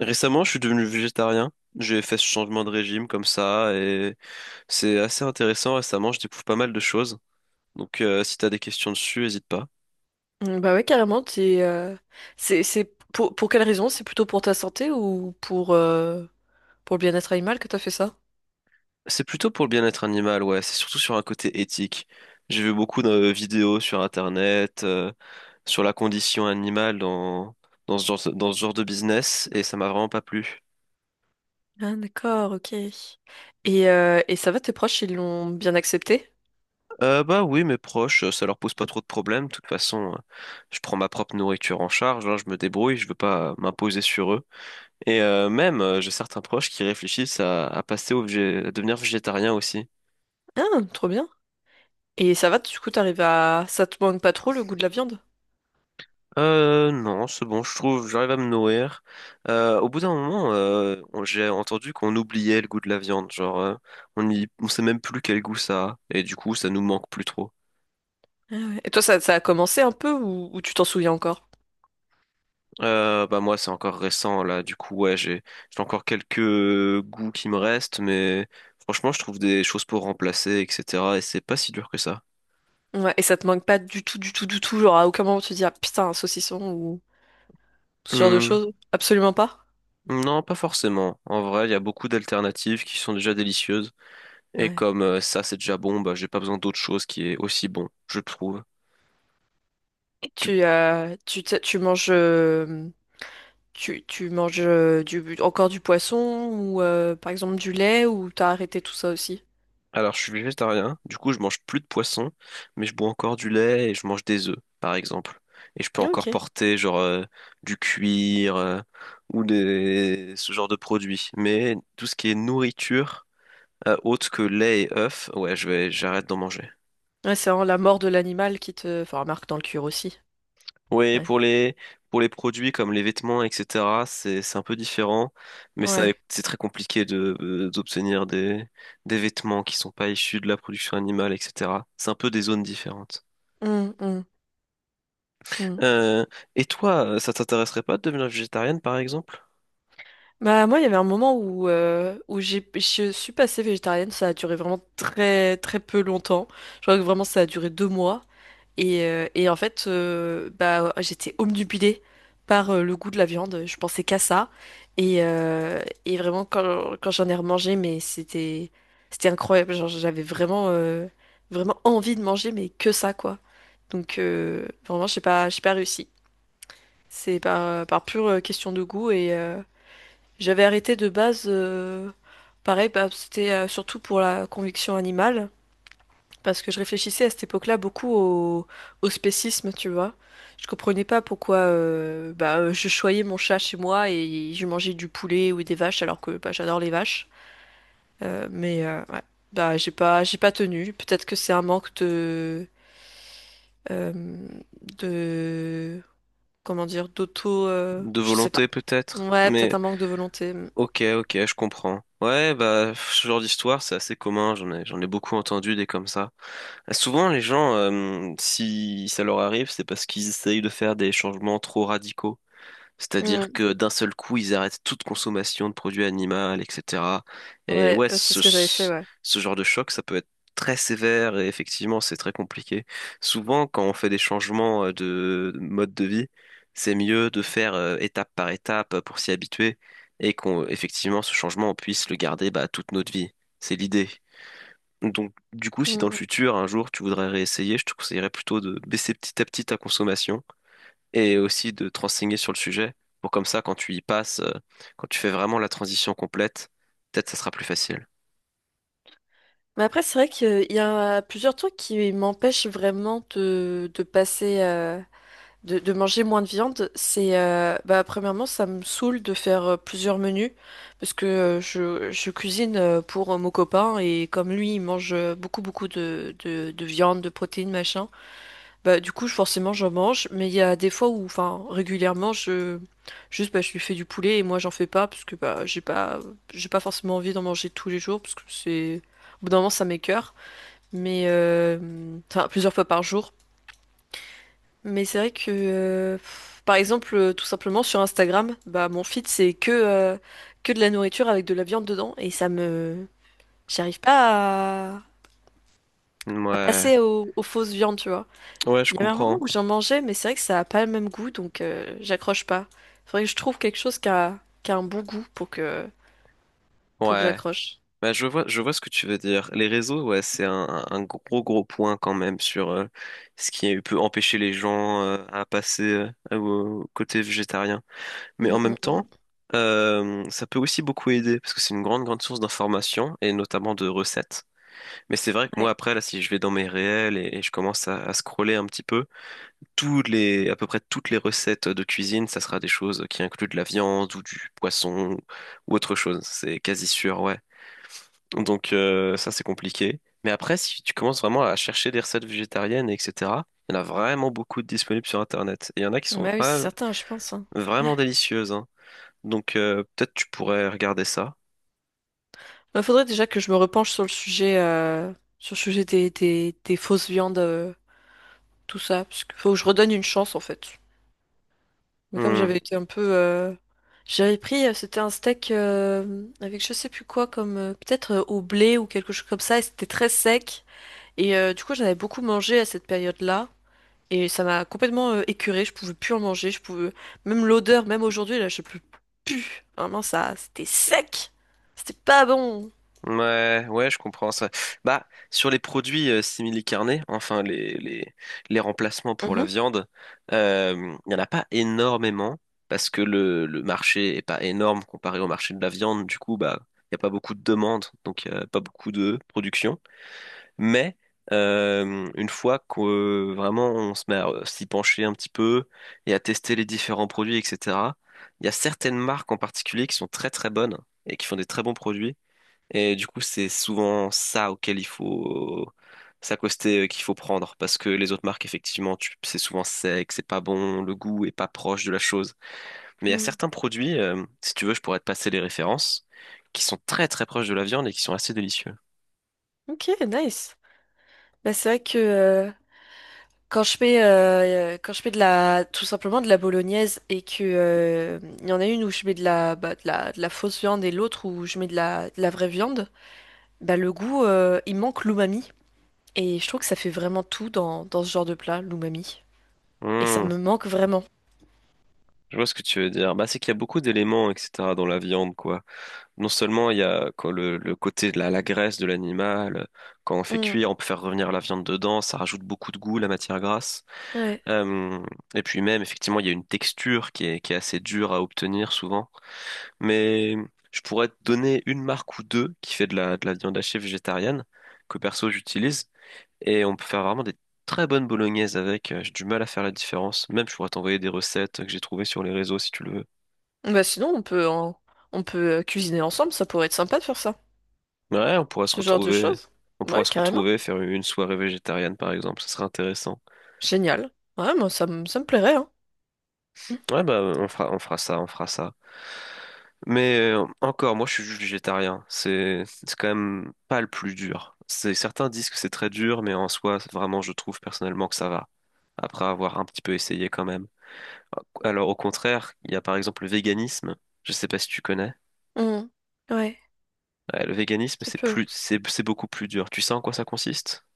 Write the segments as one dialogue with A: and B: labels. A: Récemment, je suis devenu végétarien. J'ai fait ce changement de régime comme ça et c'est assez intéressant. Récemment, je découvre pas mal de choses. Donc, si t'as des questions dessus, hésite pas.
B: Bah ouais, carrément, c'est pour quelle raison? C'est plutôt pour ta santé ou pour le bien-être animal que t'as fait ça?
A: C'est plutôt pour le bien-être animal, ouais. C'est surtout sur un côté éthique. J'ai vu beaucoup de vidéos sur Internet, sur la condition animale dans ce genre de business et ça m'a vraiment pas plu.
B: Ah d'accord, ok. Et ça va, tes proches, ils l'ont bien accepté?
A: Bah oui, mes proches, ça leur pose pas trop de problèmes. De toute façon, je prends ma propre nourriture en charge, hein, je me débrouille. Je veux pas m'imposer sur eux. Et même, j'ai certains proches qui réfléchissent à passer à devenir végétarien aussi.
B: Ah, trop bien. Et ça va, du coup, t'arrives à... Ça te manque pas trop le goût de la viande?
A: Non, c'est bon, je trouve, j'arrive à me nourrir. Au bout d'un moment, j'ai entendu qu'on oubliait le goût de la viande, genre, on sait même plus quel goût ça a, et du coup, ça nous manque plus trop.
B: Ah ouais. Et toi, ça a commencé un peu ou tu t'en souviens encore?
A: Bah moi, c'est encore récent, là, du coup, ouais, j'ai encore quelques goûts qui me restent, mais franchement, je trouve des choses pour remplacer, etc., et c'est pas si dur que ça.
B: Ouais, et ça te manque pas du tout, du tout, du tout, genre à aucun moment tu te dis, ah putain, un saucisson ou... Ce genre de
A: Mmh.
B: choses? Absolument pas.
A: Non, pas forcément. En vrai, il y a beaucoup d'alternatives qui sont déjà délicieuses. Et
B: Ouais.
A: comme ça, c'est déjà bon, bah, j'ai pas besoin d'autre chose qui est aussi bon, je trouve.
B: Et
A: Du-
B: tu, euh, tu, tu tu manges, tu, tu manges encore du poisson ou par exemple du lait ou t'as arrêté tout ça aussi?
A: Alors, je suis végétarien, du coup, je mange plus de poisson, mais je bois encore du lait et je mange des œufs, par exemple. Et je peux encore
B: Ok.
A: porter, genre, du cuir ou des... ce genre de produits. Mais tout ce qui est nourriture, autre que lait et œufs, ouais, je vais... j'arrête d'en manger.
B: Ouais, c'est vraiment la mort de l'animal qui te, enfin, marque dans le cuir aussi.
A: Oui,
B: Ouais.
A: pour les produits comme les vêtements, etc., c'est un peu différent, mais ça
B: Ouais.
A: c'est très compliqué de d'obtenir des vêtements qui sont pas issus de la production animale, etc. C'est un peu des zones différentes.
B: Hum, hum, hum.
A: Euh, et toi, ça t'intéresserait pas de devenir végétarienne, par exemple?
B: Bah moi, il y avait un moment où je suis passée végétarienne. Ça a duré vraiment très très peu longtemps. Je crois que vraiment ça a duré deux mois. Et en fait, bah, j'étais obnubilée par le goût de la viande. Je pensais qu'à ça. Et et vraiment, quand j'en ai remangé, c'était incroyable. Genre, j'avais vraiment envie de manger, mais que ça, quoi. Donc, vraiment, j'ai pas réussi. C'est par pure question de goût. J'avais arrêté de base. Pareil, bah, c'était surtout pour la conviction animale. Parce que je réfléchissais à cette époque-là beaucoup au spécisme, tu vois. Je comprenais pas pourquoi je choyais mon chat chez moi et je mangeais du poulet ou des vaches alors que bah, j'adore les vaches. Mais ouais, bah, j'ai pas tenu. Peut-être que c'est un manque euh, de, comment dire, d'auto,
A: De
B: je sais
A: volonté,
B: pas.
A: peut-être.
B: Ouais, peut-être
A: Mais
B: un manque de volonté.
A: ok, ok, je comprends. Ouais, bah ce genre d'histoire, c'est assez commun. J'en ai beaucoup entendu des comme ça. Souvent, les gens, si ça leur arrive, c'est parce qu'ils essayent de faire des changements trop radicaux. C'est-à-dire
B: Mm.
A: que d'un seul coup, ils arrêtent toute consommation de produits animaux, etc. Et
B: Ouais,
A: ouais,
B: c'est ce que j'avais fait, ouais.
A: ce genre de choc, ça peut être très sévère et effectivement, c'est très compliqué. Souvent, quand on fait des changements de mode de vie, c'est mieux de faire étape par étape pour s'y habituer et qu'on, effectivement, ce changement, on puisse le garder bah, toute notre vie. C'est l'idée. Donc, du coup,
B: Mm,
A: si dans le
B: mm.
A: futur, un jour, tu voudrais réessayer, je te conseillerais plutôt de baisser petit à petit ta consommation et aussi de te renseigner sur le sujet pour comme ça, quand tu y passes, quand tu fais vraiment la transition complète, peut-être ça sera plus facile.
B: Mais après, c'est vrai qu'il y a plusieurs trucs qui m'empêchent vraiment de passer, de manger moins de viande. Bah, premièrement, ça me saoule de faire plusieurs menus parce que je cuisine pour mon copain et comme lui, il mange beaucoup de viande, de protéines, machin. Bah, du coup, forcément, j'en mange, mais il y a des fois où, enfin, régulièrement, juste, bah, je lui fais du poulet et moi, j'en fais pas parce que, bah, j'ai pas forcément envie d'en manger tous les jours parce que au bout d'un moment, ça m'écœure mais enfin plusieurs fois par jour. Mais c'est vrai que, par exemple, tout simplement sur Instagram, bah mon feed c'est que de la nourriture avec de la viande dedans et j'arrive pas à
A: Ouais,
B: passer aux fausses viandes, tu vois.
A: ouais, je
B: Il y avait un moment
A: comprends.
B: où j'en mangeais, mais c'est vrai que ça a pas le même goût, donc j'accroche pas. Faudrait que je trouve quelque chose qui a un bon goût pour que
A: Ouais,
B: j'accroche.
A: bah, je vois ce que tu veux dire. Les réseaux, ouais, c'est un gros gros point quand même sur ce qui peut empêcher les gens à passer au côté végétarien. Mais en
B: Mm, mm,
A: même
B: mm.
A: temps, ça peut aussi beaucoup aider parce que c'est une grande grande source d'informations et notamment de recettes. Mais c'est vrai que moi,
B: Ouais.
A: après, là, si je vais dans mes réels et je commence à scroller un petit peu, à peu près toutes les recettes de cuisine, ça sera des choses qui incluent de la viande ou du poisson ou autre chose. C'est quasi sûr, ouais. Donc, ça, c'est compliqué. Mais après, si tu commences vraiment à chercher des recettes végétariennes, etc., il y en a vraiment beaucoup de disponibles sur Internet. Et il y en a qui sont
B: Bah oui, c'est certain, je pense, hein.
A: vraiment délicieuses, hein. Donc, peut-être tu pourrais regarder ça.
B: Il faudrait déjà que je me repenche sur le sujet des fausses viandes, tout ça, parce qu'il faut que je redonne une chance en fait. Mais comme
A: Hmm.
B: j'avais été un peu, J'avais pris, c'était un steak avec je sais plus quoi, comme peut-être au blé ou quelque chose comme ça, et c'était très sec. Et du coup, j'en avais beaucoup mangé à cette période-là, et ça m'a complètement écœurée. Je pouvais plus en manger, je pouvais même l'odeur, même aujourd'hui là, je peux plus. Vraiment, ça, c'était sec, c'était pas bon.
A: Ouais, ouais, je comprends ça. Bah, sur les produits simili-carnés, enfin les remplacements pour la
B: Mhm.
A: viande, euh, il n'y en a pas énormément parce que le marché est pas énorme comparé au marché de la viande. Du coup, bah, il n'y a pas beaucoup de demandes, donc il n'y a pas beaucoup de production. Mais une fois que vraiment on se met à s'y pencher un petit peu et à tester les différents produits, etc., il y a certaines marques en particulier qui sont très très bonnes et qui font des très bons produits. Et du coup, c'est souvent ça auquel il faut s'accoster, qu'il faut prendre, parce que les autres marques, effectivement, c'est souvent sec, c'est pas bon, le goût est pas proche de la chose. Mais il y a
B: Mm.
A: certains produits, si tu veux, je pourrais te passer les références, qui sont très très proches de la viande et qui sont assez délicieux.
B: Ok, nice. Bah, c'est vrai que quand je fais de la tout simplement de la bolognaise et que il y en a une où je mets de la bah, de la fausse viande et l'autre où je mets de la vraie viande, bah le goût il manque l'umami et je trouve que ça fait vraiment tout dans ce genre de plat, l'umami et ça
A: Hmm,
B: me manque vraiment.
A: je vois ce que tu veux dire. Bah, c'est qu'il y a beaucoup d'éléments, etc., dans la viande, quoi. Non seulement il y a quoi, le côté de la graisse de l'animal, quand on fait
B: Mm,
A: cuire, on peut faire revenir la viande dedans, ça rajoute beaucoup de goût, la matière grasse.
B: ouais.
A: Euh, et puis même, effectivement, il y a une texture qui est assez dure à obtenir souvent. Mais je pourrais te donner une marque ou deux qui fait de de la viande hachée végétarienne, que perso j'utilise. Et on peut faire vraiment des très bonnes bolognaises avec. J'ai du mal à faire la différence. Même, je pourrais t'envoyer des recettes que j'ai trouvées sur les réseaux si tu le veux.
B: Bah sinon on peut en- On peut cuisiner ensemble, ça pourrait être sympa de faire ça.
A: Ouais, on pourrait se
B: Ce genre de
A: retrouver.
B: choses.
A: On pourrait
B: Ouais,
A: se
B: carrément.
A: retrouver, faire une soirée végétarienne par exemple. Ce serait intéressant.
B: Génial. Ouais, moi ça me plairait hein.
A: Ouais, bah, on fera ça. Mais encore, moi, je suis juste végétarien. C'est quand même pas le plus dur. C'est, certains disent que c'est très dur, mais en soi, vraiment, je trouve personnellement que ça va. Après avoir un petit peu essayé quand même. Alors, au contraire, il y a par exemple le véganisme. Je sais pas si tu connais.
B: Mm. Mm. Ouais,
A: Ouais, le véganisme,
B: ça peut.
A: c'est beaucoup plus dur. Tu sais en quoi ça consiste?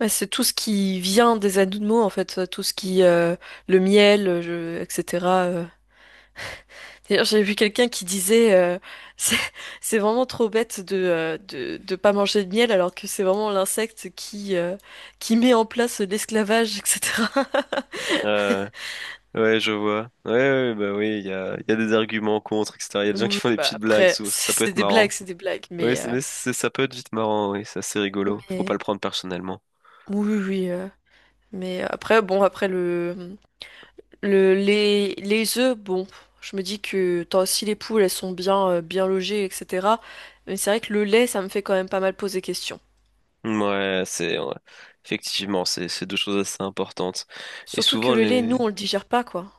B: Bah, c'est tout ce qui vient des animaux, en fait, le miel, etc. D'ailleurs, j'ai vu quelqu'un qui disait, c'est c'est vraiment trop bête de pas manger de miel, alors que c'est vraiment l'insecte qui met en place l'esclavage, etc.
A: Euh, ouais, je vois. Ouais, ouais, ouais, bah oui, il y a des arguments contre, etc. Il y a des
B: Oui,
A: gens qui
B: oui,
A: font des
B: bah,
A: petites blagues,
B: après,
A: ça peut être marrant.
B: c'est des blagues,
A: Oui, ça peut être vite marrant, oui, c'est assez rigolo. Faut pas le
B: mais-
A: prendre personnellement.
B: oui, oui, oui, mais après, bon, après le, les œufs, bon, je me dis que tant, si les poules, elles sont bien, bien logées, etc. Mais c'est vrai que le lait, ça me fait quand même pas mal poser question.
A: Ouais, c'est ouais. Effectivement, c'est deux choses assez importantes. Et
B: Surtout que
A: souvent
B: le lait, nous,
A: les
B: on le digère pas, quoi.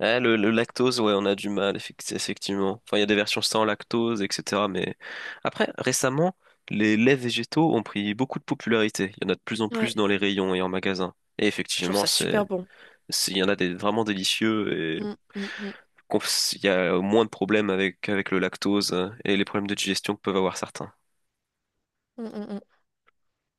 A: ouais, le lactose, ouais, on a du mal effectivement. Enfin, il y a des versions sans lactose, etc. Mais après, récemment, les laits végétaux ont pris beaucoup de popularité. Il y en a de plus en plus
B: Ouais,
A: dans les rayons et en magasin. Et
B: je trouve
A: effectivement,
B: ça super bon.
A: il y en a des vraiment délicieux et
B: Mm, mm, mm,
A: qu'on- il y a moins de problèmes avec le lactose et les problèmes de digestion que peuvent avoir certains.
B: mm, mm, mm.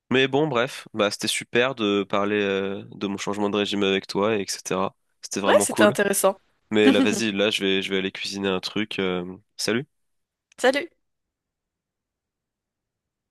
A: Mais bon, bref, bah, c'était super de parler de mon changement de régime avec toi, et etc. C'était
B: Ouais,
A: vraiment
B: c'était
A: cool.
B: intéressant.
A: Mais là, vas-y, là, je vais aller cuisiner un truc. Salut!
B: Salut!